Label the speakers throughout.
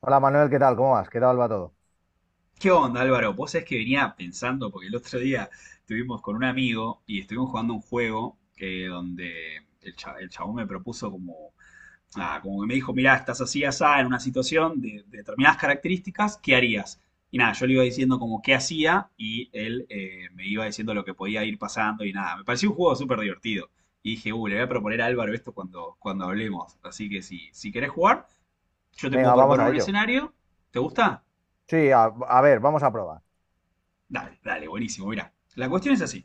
Speaker 1: Hola Manuel, ¿qué tal? ¿Cómo vas? ¿Qué tal va todo?
Speaker 2: ¿Qué onda, Álvaro? Vos sabés que venía pensando, porque el otro día estuvimos con un amigo y estuvimos jugando un juego donde el chabón me propuso como, como que me dijo, mirá, estás así, asá, en una situación de determinadas características, ¿qué harías? Y nada, yo le iba diciendo como qué hacía y él me iba diciendo lo que podía ir pasando y nada, me pareció un juego súper divertido. Y dije, le voy a proponer a Álvaro esto cuando hablemos. Así que si querés jugar, yo te
Speaker 1: Venga,
Speaker 2: puedo
Speaker 1: vamos
Speaker 2: proponer
Speaker 1: a
Speaker 2: un
Speaker 1: ello.
Speaker 2: escenario. ¿Te gusta?
Speaker 1: Sí, a ver, vamos a probar.
Speaker 2: Dale, dale, buenísimo. Mira, la cuestión es así.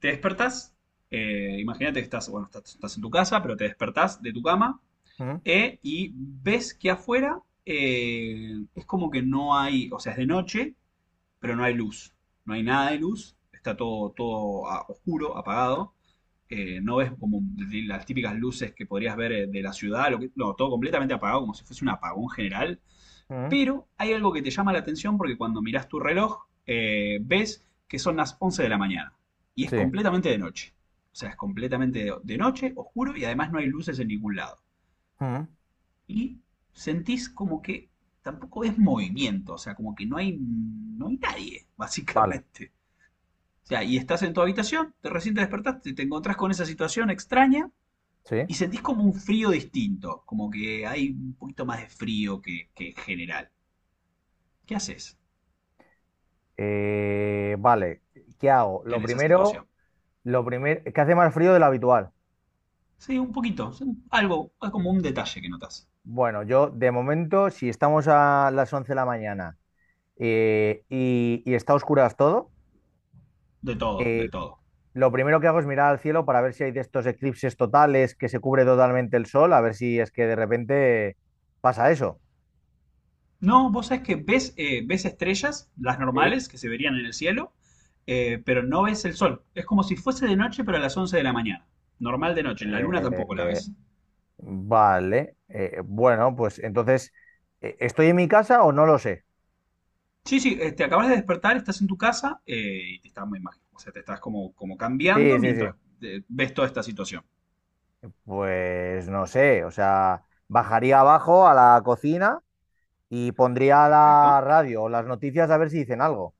Speaker 2: Te despertás, imagínate que estás, bueno, estás en tu casa, pero te despertás de tu cama
Speaker 1: Ujú,
Speaker 2: y ves que afuera es como que no hay, o sea, es de noche, pero no hay luz. No hay nada de luz, está todo oscuro, apagado. No ves como las típicas luces que podrías ver de la ciudad, no, todo completamente apagado, como si fuese un apagón general.
Speaker 1: ujú,
Speaker 2: Pero hay algo que te llama la atención porque cuando mirás tu reloj, ves que son las 11 de la mañana y es
Speaker 1: sí.
Speaker 2: completamente de noche. O sea, es completamente de noche, oscuro y además no hay luces en ningún lado.
Speaker 1: Ujú,
Speaker 2: Y sentís como que tampoco es movimiento, o sea, como que no hay nadie,
Speaker 1: vale.
Speaker 2: básicamente. O sea, y estás en tu habitación, te recién te despertaste, te encontrás con esa situación extraña
Speaker 1: Sí.
Speaker 2: y sentís como un frío distinto, como que hay un poquito más de frío que en general. ¿Qué haces
Speaker 1: Vale. ¿Qué hago? Lo
Speaker 2: en esa
Speaker 1: primero,
Speaker 2: situación?
Speaker 1: lo primero, ¿qué hace más frío de lo habitual?
Speaker 2: Sí, un poquito. Algo, es como un detalle que notas.
Speaker 1: Bueno, yo de momento, si estamos a las 11 de la mañana y está a oscuras todo,
Speaker 2: De todo,
Speaker 1: eh,
Speaker 2: del todo.
Speaker 1: lo primero que hago es mirar al cielo para ver si hay de estos eclipses totales que se cubre totalmente el sol, a ver si es que de repente pasa eso.
Speaker 2: No, vos sabés que ves estrellas, las
Speaker 1: Sí.
Speaker 2: normales que se verían en el cielo, pero no ves el sol. Es como si fuese de noche, pero a las 11 de la mañana. Normal de noche, la luna tampoco la
Speaker 1: Eh,
Speaker 2: ves.
Speaker 1: Vale, bueno, pues entonces, ¿estoy en mi casa o no lo sé?
Speaker 2: Sí, sí, te acabas de despertar, estás en tu casa y te estás muy mal. O sea, te estás como
Speaker 1: Sí,
Speaker 2: cambiando
Speaker 1: sí, sí.
Speaker 2: mientras ves toda esta situación.
Speaker 1: Pues no sé, o sea, bajaría abajo a la cocina y pondría la
Speaker 2: Perfecto.
Speaker 1: radio o las noticias a ver si dicen algo.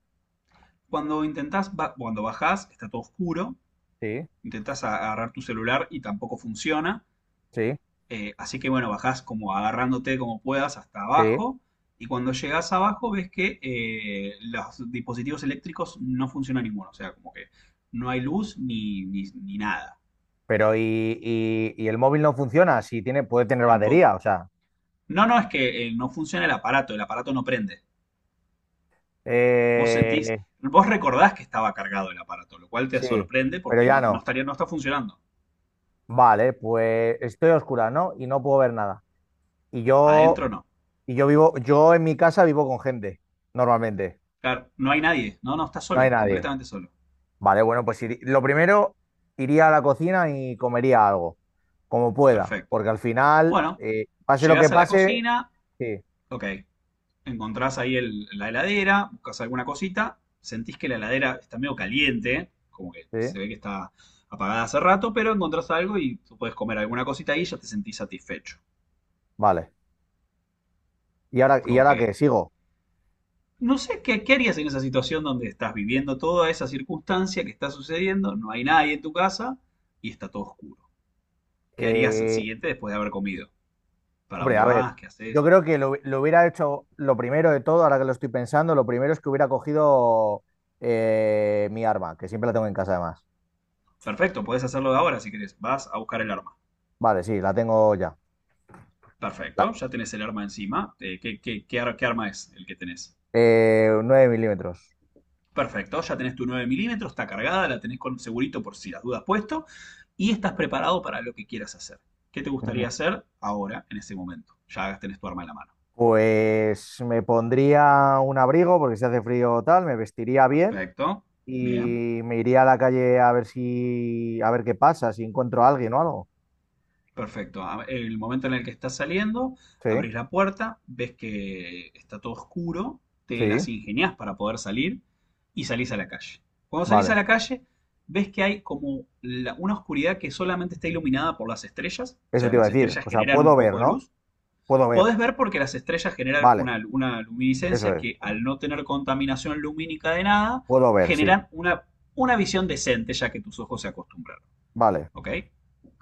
Speaker 2: Cuando bajás, está todo oscuro.
Speaker 1: Sí,
Speaker 2: Intentás agarrar tu celular y tampoco funciona.
Speaker 1: sí,
Speaker 2: Así que bueno, bajás como agarrándote como puedas hasta
Speaker 1: sí.
Speaker 2: abajo y cuando llegas abajo ves que los dispositivos eléctricos no funcionan ninguno, o sea, como que no hay luz ni nada,
Speaker 1: Pero y el móvil no funciona, si tiene, puede tener
Speaker 2: tampoco.
Speaker 1: batería, o sea.
Speaker 2: No, no, es que no funciona el aparato no prende. Vos sentís,
Speaker 1: eh,
Speaker 2: vos recordás que estaba cargado el aparato, lo cual te
Speaker 1: sí,
Speaker 2: sorprende
Speaker 1: pero
Speaker 2: porque
Speaker 1: ya
Speaker 2: no, no
Speaker 1: no.
Speaker 2: estaría, no está funcionando.
Speaker 1: Vale, pues estoy a oscura, ¿no? Y no puedo ver nada. Y yo
Speaker 2: Adentro no.
Speaker 1: Y yo vivo, yo en mi casa vivo con gente, normalmente.
Speaker 2: Claro, no hay nadie, no, no, está
Speaker 1: No hay
Speaker 2: solo,
Speaker 1: nadie.
Speaker 2: completamente solo.
Speaker 1: Vale, bueno, lo primero, iría a la cocina y comería algo, como pueda,
Speaker 2: Perfecto.
Speaker 1: porque al final,
Speaker 2: Bueno,
Speaker 1: pase lo que
Speaker 2: llegás a la
Speaker 1: pase,
Speaker 2: cocina,
Speaker 1: sí,
Speaker 2: ok, encontrás ahí la heladera, buscas alguna cosita, sentís que la heladera está medio caliente, como que
Speaker 1: sí,
Speaker 2: se ve que está apagada hace rato, pero encontrás algo y tú puedes comer alguna cosita ahí y ya te sentís satisfecho.
Speaker 1: vale. Y
Speaker 2: Ok.
Speaker 1: ahora qué? ¿Sigo?
Speaker 2: No sé qué harías en esa situación donde estás viviendo toda esa circunstancia que está sucediendo, no hay nadie en tu casa y está todo oscuro. ¿Qué harías el
Speaker 1: Eh,
Speaker 2: siguiente después de haber comido? ¿Para
Speaker 1: hombre,
Speaker 2: dónde
Speaker 1: a ver,
Speaker 2: vas? ¿Qué
Speaker 1: yo
Speaker 2: haces?
Speaker 1: creo que lo hubiera hecho, lo primero de todo, ahora que lo estoy pensando, lo primero es que hubiera cogido mi arma, que siempre la tengo en casa además.
Speaker 2: Perfecto, podés hacerlo de ahora si querés. Vas a buscar el arma.
Speaker 1: Vale, sí, la tengo ya. La-
Speaker 2: Perfecto, ya tenés el arma encima. ¿Qué arma es el que tenés?
Speaker 1: 9 milímetros.
Speaker 2: Perfecto, ya tenés tu 9 milímetros, está cargada, la tenés con segurito por si las dudas puesto y estás preparado para lo que quieras hacer. ¿Qué te gustaría hacer ahora, en ese momento? Ya tenés tu arma en la mano.
Speaker 1: Pues me pondría un abrigo porque si hace frío o tal, me vestiría bien
Speaker 2: Perfecto, bien.
Speaker 1: y me iría a la calle a ver si, a ver qué pasa, si encuentro a alguien o algo.
Speaker 2: Perfecto. El momento en el que estás saliendo,
Speaker 1: Sí,
Speaker 2: abrís la puerta, ves que está todo oscuro, te las
Speaker 1: sí,
Speaker 2: ingeniás para poder salir y salís a la calle. Cuando salís a
Speaker 1: vale.
Speaker 2: la calle, ves que hay como una oscuridad que solamente está iluminada por las estrellas, o
Speaker 1: Eso
Speaker 2: sea,
Speaker 1: te iba a
Speaker 2: las
Speaker 1: decir.
Speaker 2: estrellas
Speaker 1: O sea,
Speaker 2: generan
Speaker 1: puedo
Speaker 2: un
Speaker 1: ver,
Speaker 2: poco de
Speaker 1: ¿no?
Speaker 2: luz.
Speaker 1: Puedo ver.
Speaker 2: Podés ver porque las estrellas generan
Speaker 1: Vale,
Speaker 2: una
Speaker 1: eso
Speaker 2: luminiscencia
Speaker 1: es.
Speaker 2: que al no tener contaminación lumínica de nada,
Speaker 1: Puedo ver, sí.
Speaker 2: generan una visión decente ya que tus ojos se acostumbran.
Speaker 1: Vale,
Speaker 2: ¿Ok?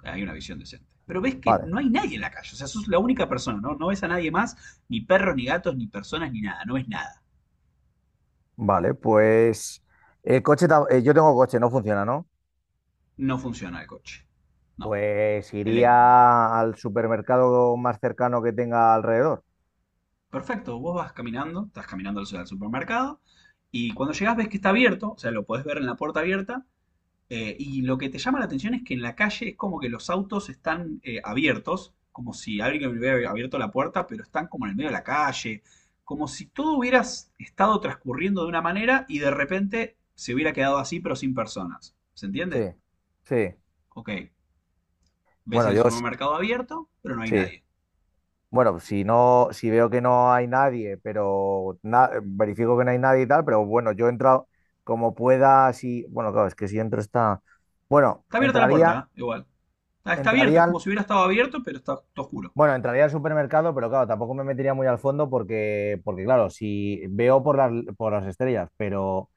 Speaker 2: Hay una visión decente. Pero ves que
Speaker 1: vale,
Speaker 2: no hay nadie en la calle, o sea, sos la única persona, ¿no? No ves a nadie más, ni perros, ni gatos, ni personas, ni nada, no ves nada.
Speaker 1: vale. Pues el coche, yo tengo coche, no funciona, ¿no?
Speaker 2: No funciona el coche. No.
Speaker 1: Pues
Speaker 2: El-
Speaker 1: iría al supermercado más cercano que tenga alrededor.
Speaker 2: Perfecto, vos vas caminando, estás caminando al supermercado, y cuando llegás ves que está abierto, o sea, lo podés ver en la puerta abierta. Y lo que te llama la atención es que en la calle es como que los autos están abiertos, como si alguien hubiera abierto la puerta, pero están como en el medio de la calle, como si todo hubiera estado transcurriendo de una manera y de repente se hubiera quedado así, pero sin personas. ¿Se
Speaker 1: Sí,
Speaker 2: entiende?
Speaker 1: sí.
Speaker 2: Ok, ves
Speaker 1: Bueno,
Speaker 2: el
Speaker 1: yo s-
Speaker 2: supermercado abierto, pero no hay
Speaker 1: sí.
Speaker 2: nadie.
Speaker 1: Bueno, si veo que no hay nadie, verifico que no hay nadie y tal, pero bueno, yo he entrado como pueda, si, bueno, claro, es que si entro está, bueno,
Speaker 2: Está abierta la
Speaker 1: entraría,
Speaker 2: puerta, ¿eh? Igual. Ah, está abierto,
Speaker 1: entraría
Speaker 2: es
Speaker 1: al,
Speaker 2: como si hubiera estado abierto, pero está todo oscuro.
Speaker 1: bueno, entraría al supermercado, pero claro, tampoco me metería muy al fondo porque, porque claro, si veo por las estrellas, pero,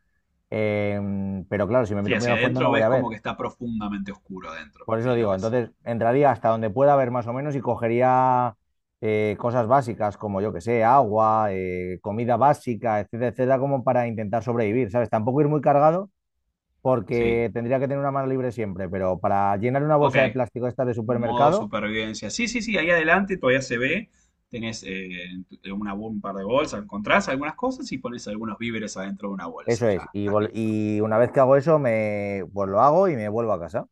Speaker 1: pero claro, si me
Speaker 2: Sí,
Speaker 1: meto muy
Speaker 2: hacia
Speaker 1: al fondo no
Speaker 2: adentro
Speaker 1: voy
Speaker 2: ves
Speaker 1: a
Speaker 2: como
Speaker 1: ver.
Speaker 2: que está profundamente oscuro adentro.
Speaker 1: Por eso
Speaker 2: Sí, lo
Speaker 1: digo,
Speaker 2: ves.
Speaker 1: entonces entraría hasta donde pueda haber más o menos y cogería cosas básicas como yo que sé, agua, comida básica, etcétera, etcétera, como para intentar sobrevivir, ¿sabes? Tampoco ir muy cargado
Speaker 2: Sí.
Speaker 1: porque tendría que tener una mano libre siempre, pero para llenar una
Speaker 2: Ok,
Speaker 1: bolsa de plástico esta de
Speaker 2: modo
Speaker 1: supermercado,
Speaker 2: supervivencia. Sí, sí, sí, ahí adelante todavía se ve. Tenés en un par de bolsas, encontrás algunas cosas y pones algunos víveres adentro de una bolsa.
Speaker 1: eso
Speaker 2: Ya,
Speaker 1: es.
Speaker 2: estás listo.
Speaker 1: Y una vez que hago eso, pues lo hago y me vuelvo a casa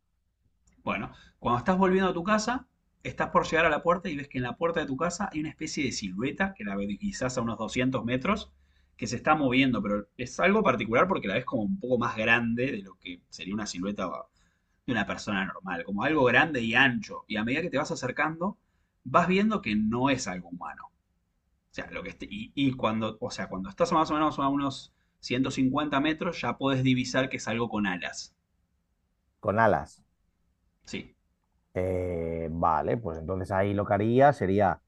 Speaker 2: Bueno, cuando estás volviendo a tu casa, estás por llegar a la puerta y ves que en la puerta de tu casa hay una especie de silueta que la ves quizás a unos 200 metros que se está moviendo, pero es algo particular porque la ves como un poco más grande de lo que sería una silueta de una persona normal, como algo grande y ancho. Y a medida que te vas acercando, vas viendo que no es algo humano. O sea, y cuando estás más o menos a unos 150 metros, ya podés divisar que es algo con alas.
Speaker 1: con alas.
Speaker 2: Sí,
Speaker 1: Vale, pues entonces ahí lo que haría sería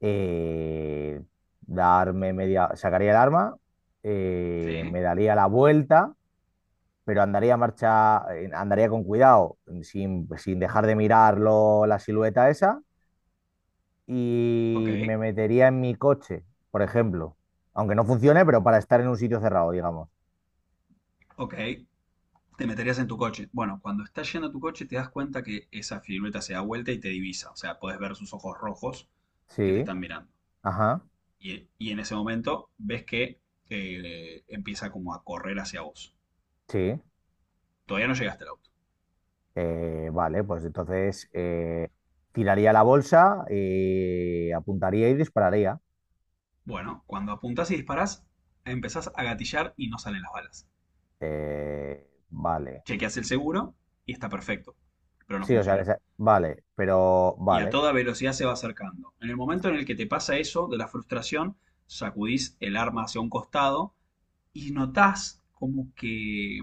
Speaker 1: eh, sacaría el arma, me
Speaker 2: sí,
Speaker 1: daría la vuelta, pero andaría marcha, andaría con cuidado, sin dejar de mirarlo la silueta esa,
Speaker 2: ok,
Speaker 1: y me metería en mi coche, por ejemplo. Aunque no funcione, pero para estar en un sitio cerrado, digamos.
Speaker 2: ok. Te meterías en tu coche. Bueno, cuando estás yendo a tu coche, te das cuenta que esa silueta se da vuelta y te divisa. O sea, podés ver sus ojos rojos que te
Speaker 1: Sí,
Speaker 2: están mirando.
Speaker 1: ajá,
Speaker 2: Y en ese momento ves que empieza como a correr hacia vos.
Speaker 1: sí.
Speaker 2: Todavía no llegaste al auto.
Speaker 1: Vale, pues entonces tiraría la bolsa, apuntaría y dispararía.
Speaker 2: Bueno, cuando apuntás y disparás, empezás a gatillar y no salen las balas.
Speaker 1: Vale.
Speaker 2: Chequeas el seguro y está perfecto, pero no
Speaker 1: Sí,
Speaker 2: funciona.
Speaker 1: vale, pero
Speaker 2: Y a
Speaker 1: vale.
Speaker 2: toda velocidad se va acercando. En el momento en el que te pasa eso, de la frustración, sacudís el arma hacia un costado y notás como que,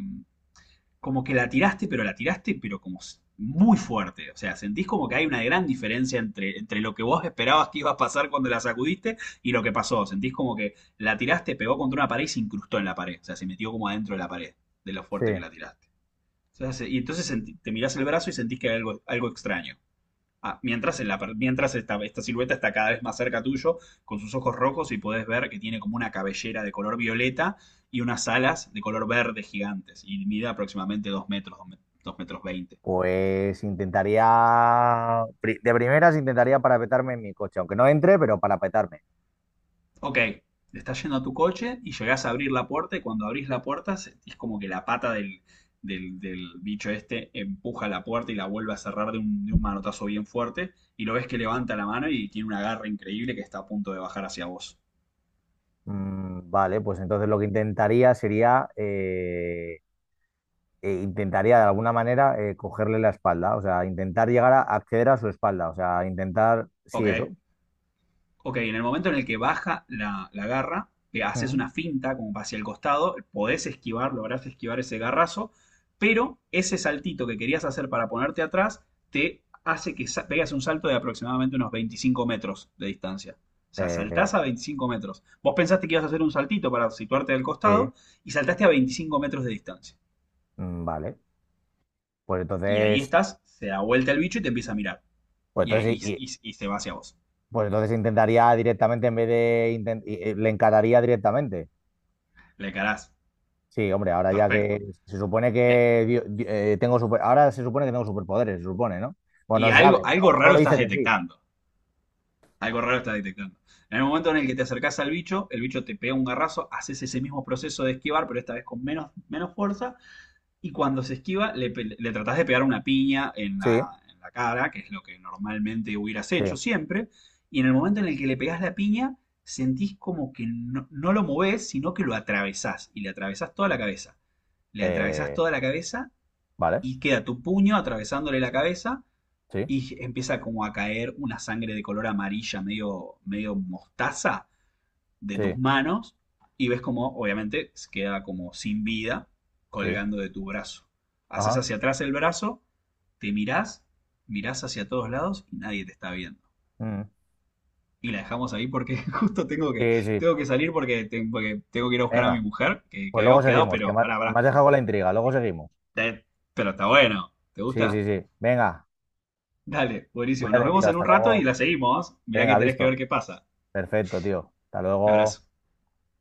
Speaker 2: como que la tiraste, pero como muy fuerte. O sea, sentís como que hay una gran diferencia entre lo que vos esperabas que iba a pasar cuando la sacudiste y lo que pasó. Sentís como que la tiraste, pegó contra una pared y se incrustó en la pared. O sea, se metió como adentro de la pared, de lo
Speaker 1: Sí.
Speaker 2: fuerte que la tiraste. Se hace- y entonces senti- te mirás el brazo y sentís que hay algo, algo extraño. Ah, mientras en la per- mientras esta silueta está cada vez más cerca tuyo, con sus ojos rojos, y podés ver que tiene como una cabellera de color violeta y unas alas de color verde gigantes. Y mide aproximadamente 2 metros, 2,20 metros.
Speaker 1: De primeras intentaría parapetarme en mi coche, aunque no entre, pero parapetarme.
Speaker 2: Ok, estás yendo a tu coche y llegás a abrir la puerta y cuando abrís la puerta es como que la pata del bicho este empuja la puerta y la vuelve a cerrar de un manotazo bien fuerte y lo ves que levanta la mano y tiene una garra increíble que está a punto de bajar hacia vos.
Speaker 1: Mm, vale, pues entonces lo que intentaría sería. Intentaría de alguna manera cogerle la espalda. O sea, intentar llegar a acceder a su espalda. O sea, intentar. Sí,
Speaker 2: Ok.
Speaker 1: eso.
Speaker 2: Ok, en el momento en el que baja la garra, haces
Speaker 1: Mm.
Speaker 2: una finta como hacia el costado, podés esquivar, lográs esquivar ese garrazo, pero ese saltito que querías hacer para ponerte atrás te hace que pegas un salto de aproximadamente unos 25 metros de distancia. O sea,
Speaker 1: Eh,
Speaker 2: saltás a 25 metros. Vos pensaste que ibas a hacer un saltito para situarte del
Speaker 1: eh,
Speaker 2: costado y saltaste a 25 metros de distancia.
Speaker 1: vale. Pues
Speaker 2: Y ahí
Speaker 1: entonces.
Speaker 2: estás, se da vuelta el bicho y te empieza a mirar.
Speaker 1: Pues
Speaker 2: Y,
Speaker 1: entonces,
Speaker 2: ahí-
Speaker 1: y- y-
Speaker 2: y- y- se va hacia vos.
Speaker 1: pues entonces intentaría directamente, en vez de. Inten- y- le encararía directamente.
Speaker 2: Le carás.
Speaker 1: Sí, hombre, ahora ya que
Speaker 2: Perfecto.
Speaker 1: se supone
Speaker 2: Eh,
Speaker 1: que dio- di- tengo super, ahora se supone que tengo superpoderes, se supone, ¿no? Bueno,
Speaker 2: Y
Speaker 1: no se sabe,
Speaker 2: algo,
Speaker 1: pero
Speaker 2: algo
Speaker 1: todo
Speaker 2: raro
Speaker 1: dice
Speaker 2: estás
Speaker 1: que sí.
Speaker 2: detectando. Algo raro estás detectando. En el momento en el que te acercás al bicho, el bicho te pega un garrazo, haces ese mismo proceso de esquivar, pero esta vez con menos fuerza. Y cuando se esquiva, le tratás de pegar una piña en
Speaker 1: Sí,
Speaker 2: la, en la cara, que es lo que normalmente hubieras
Speaker 1: sí.
Speaker 2: hecho siempre. Y en el momento en el que le pegás la piña, sentís como que no, no lo movés, sino que lo atravesás. Y le atravesás toda la cabeza. Le atravesás
Speaker 1: Eh,
Speaker 2: toda la cabeza
Speaker 1: vale,
Speaker 2: y queda tu puño atravesándole la cabeza
Speaker 1: sí,
Speaker 2: y empieza como a caer una sangre de color amarilla, medio, medio mostaza, de
Speaker 1: sí,
Speaker 2: tus manos y ves como, obviamente, se queda como sin vida
Speaker 1: sí.
Speaker 2: colgando de tu brazo. Haces
Speaker 1: Ajá.
Speaker 2: hacia atrás el brazo, te mirás, mirás hacia todos lados y nadie te está viendo.
Speaker 1: Mm.
Speaker 2: Y la dejamos ahí porque justo tengo que,
Speaker 1: Sí, sí.
Speaker 2: tengo que salir porque, porque tengo que ir a buscar a mi
Speaker 1: Venga,
Speaker 2: mujer, que
Speaker 1: pues luego
Speaker 2: habíamos quedado,
Speaker 1: seguimos,
Speaker 2: pero pará, pará.
Speaker 1: me has dejado con la intriga, luego seguimos.
Speaker 2: Eh, Pero está bueno. ¿Te
Speaker 1: Sí, sí,
Speaker 2: gusta?
Speaker 1: sí. Venga,
Speaker 2: Dale, buenísimo. Nos
Speaker 1: cuídate, tío,
Speaker 2: vemos en
Speaker 1: hasta
Speaker 2: un rato y
Speaker 1: luego.
Speaker 2: la seguimos. Mirá que
Speaker 1: Venga,
Speaker 2: tenés que
Speaker 1: visto.
Speaker 2: ver qué pasa.
Speaker 1: Perfecto, tío. Hasta
Speaker 2: Abrazo.
Speaker 1: luego.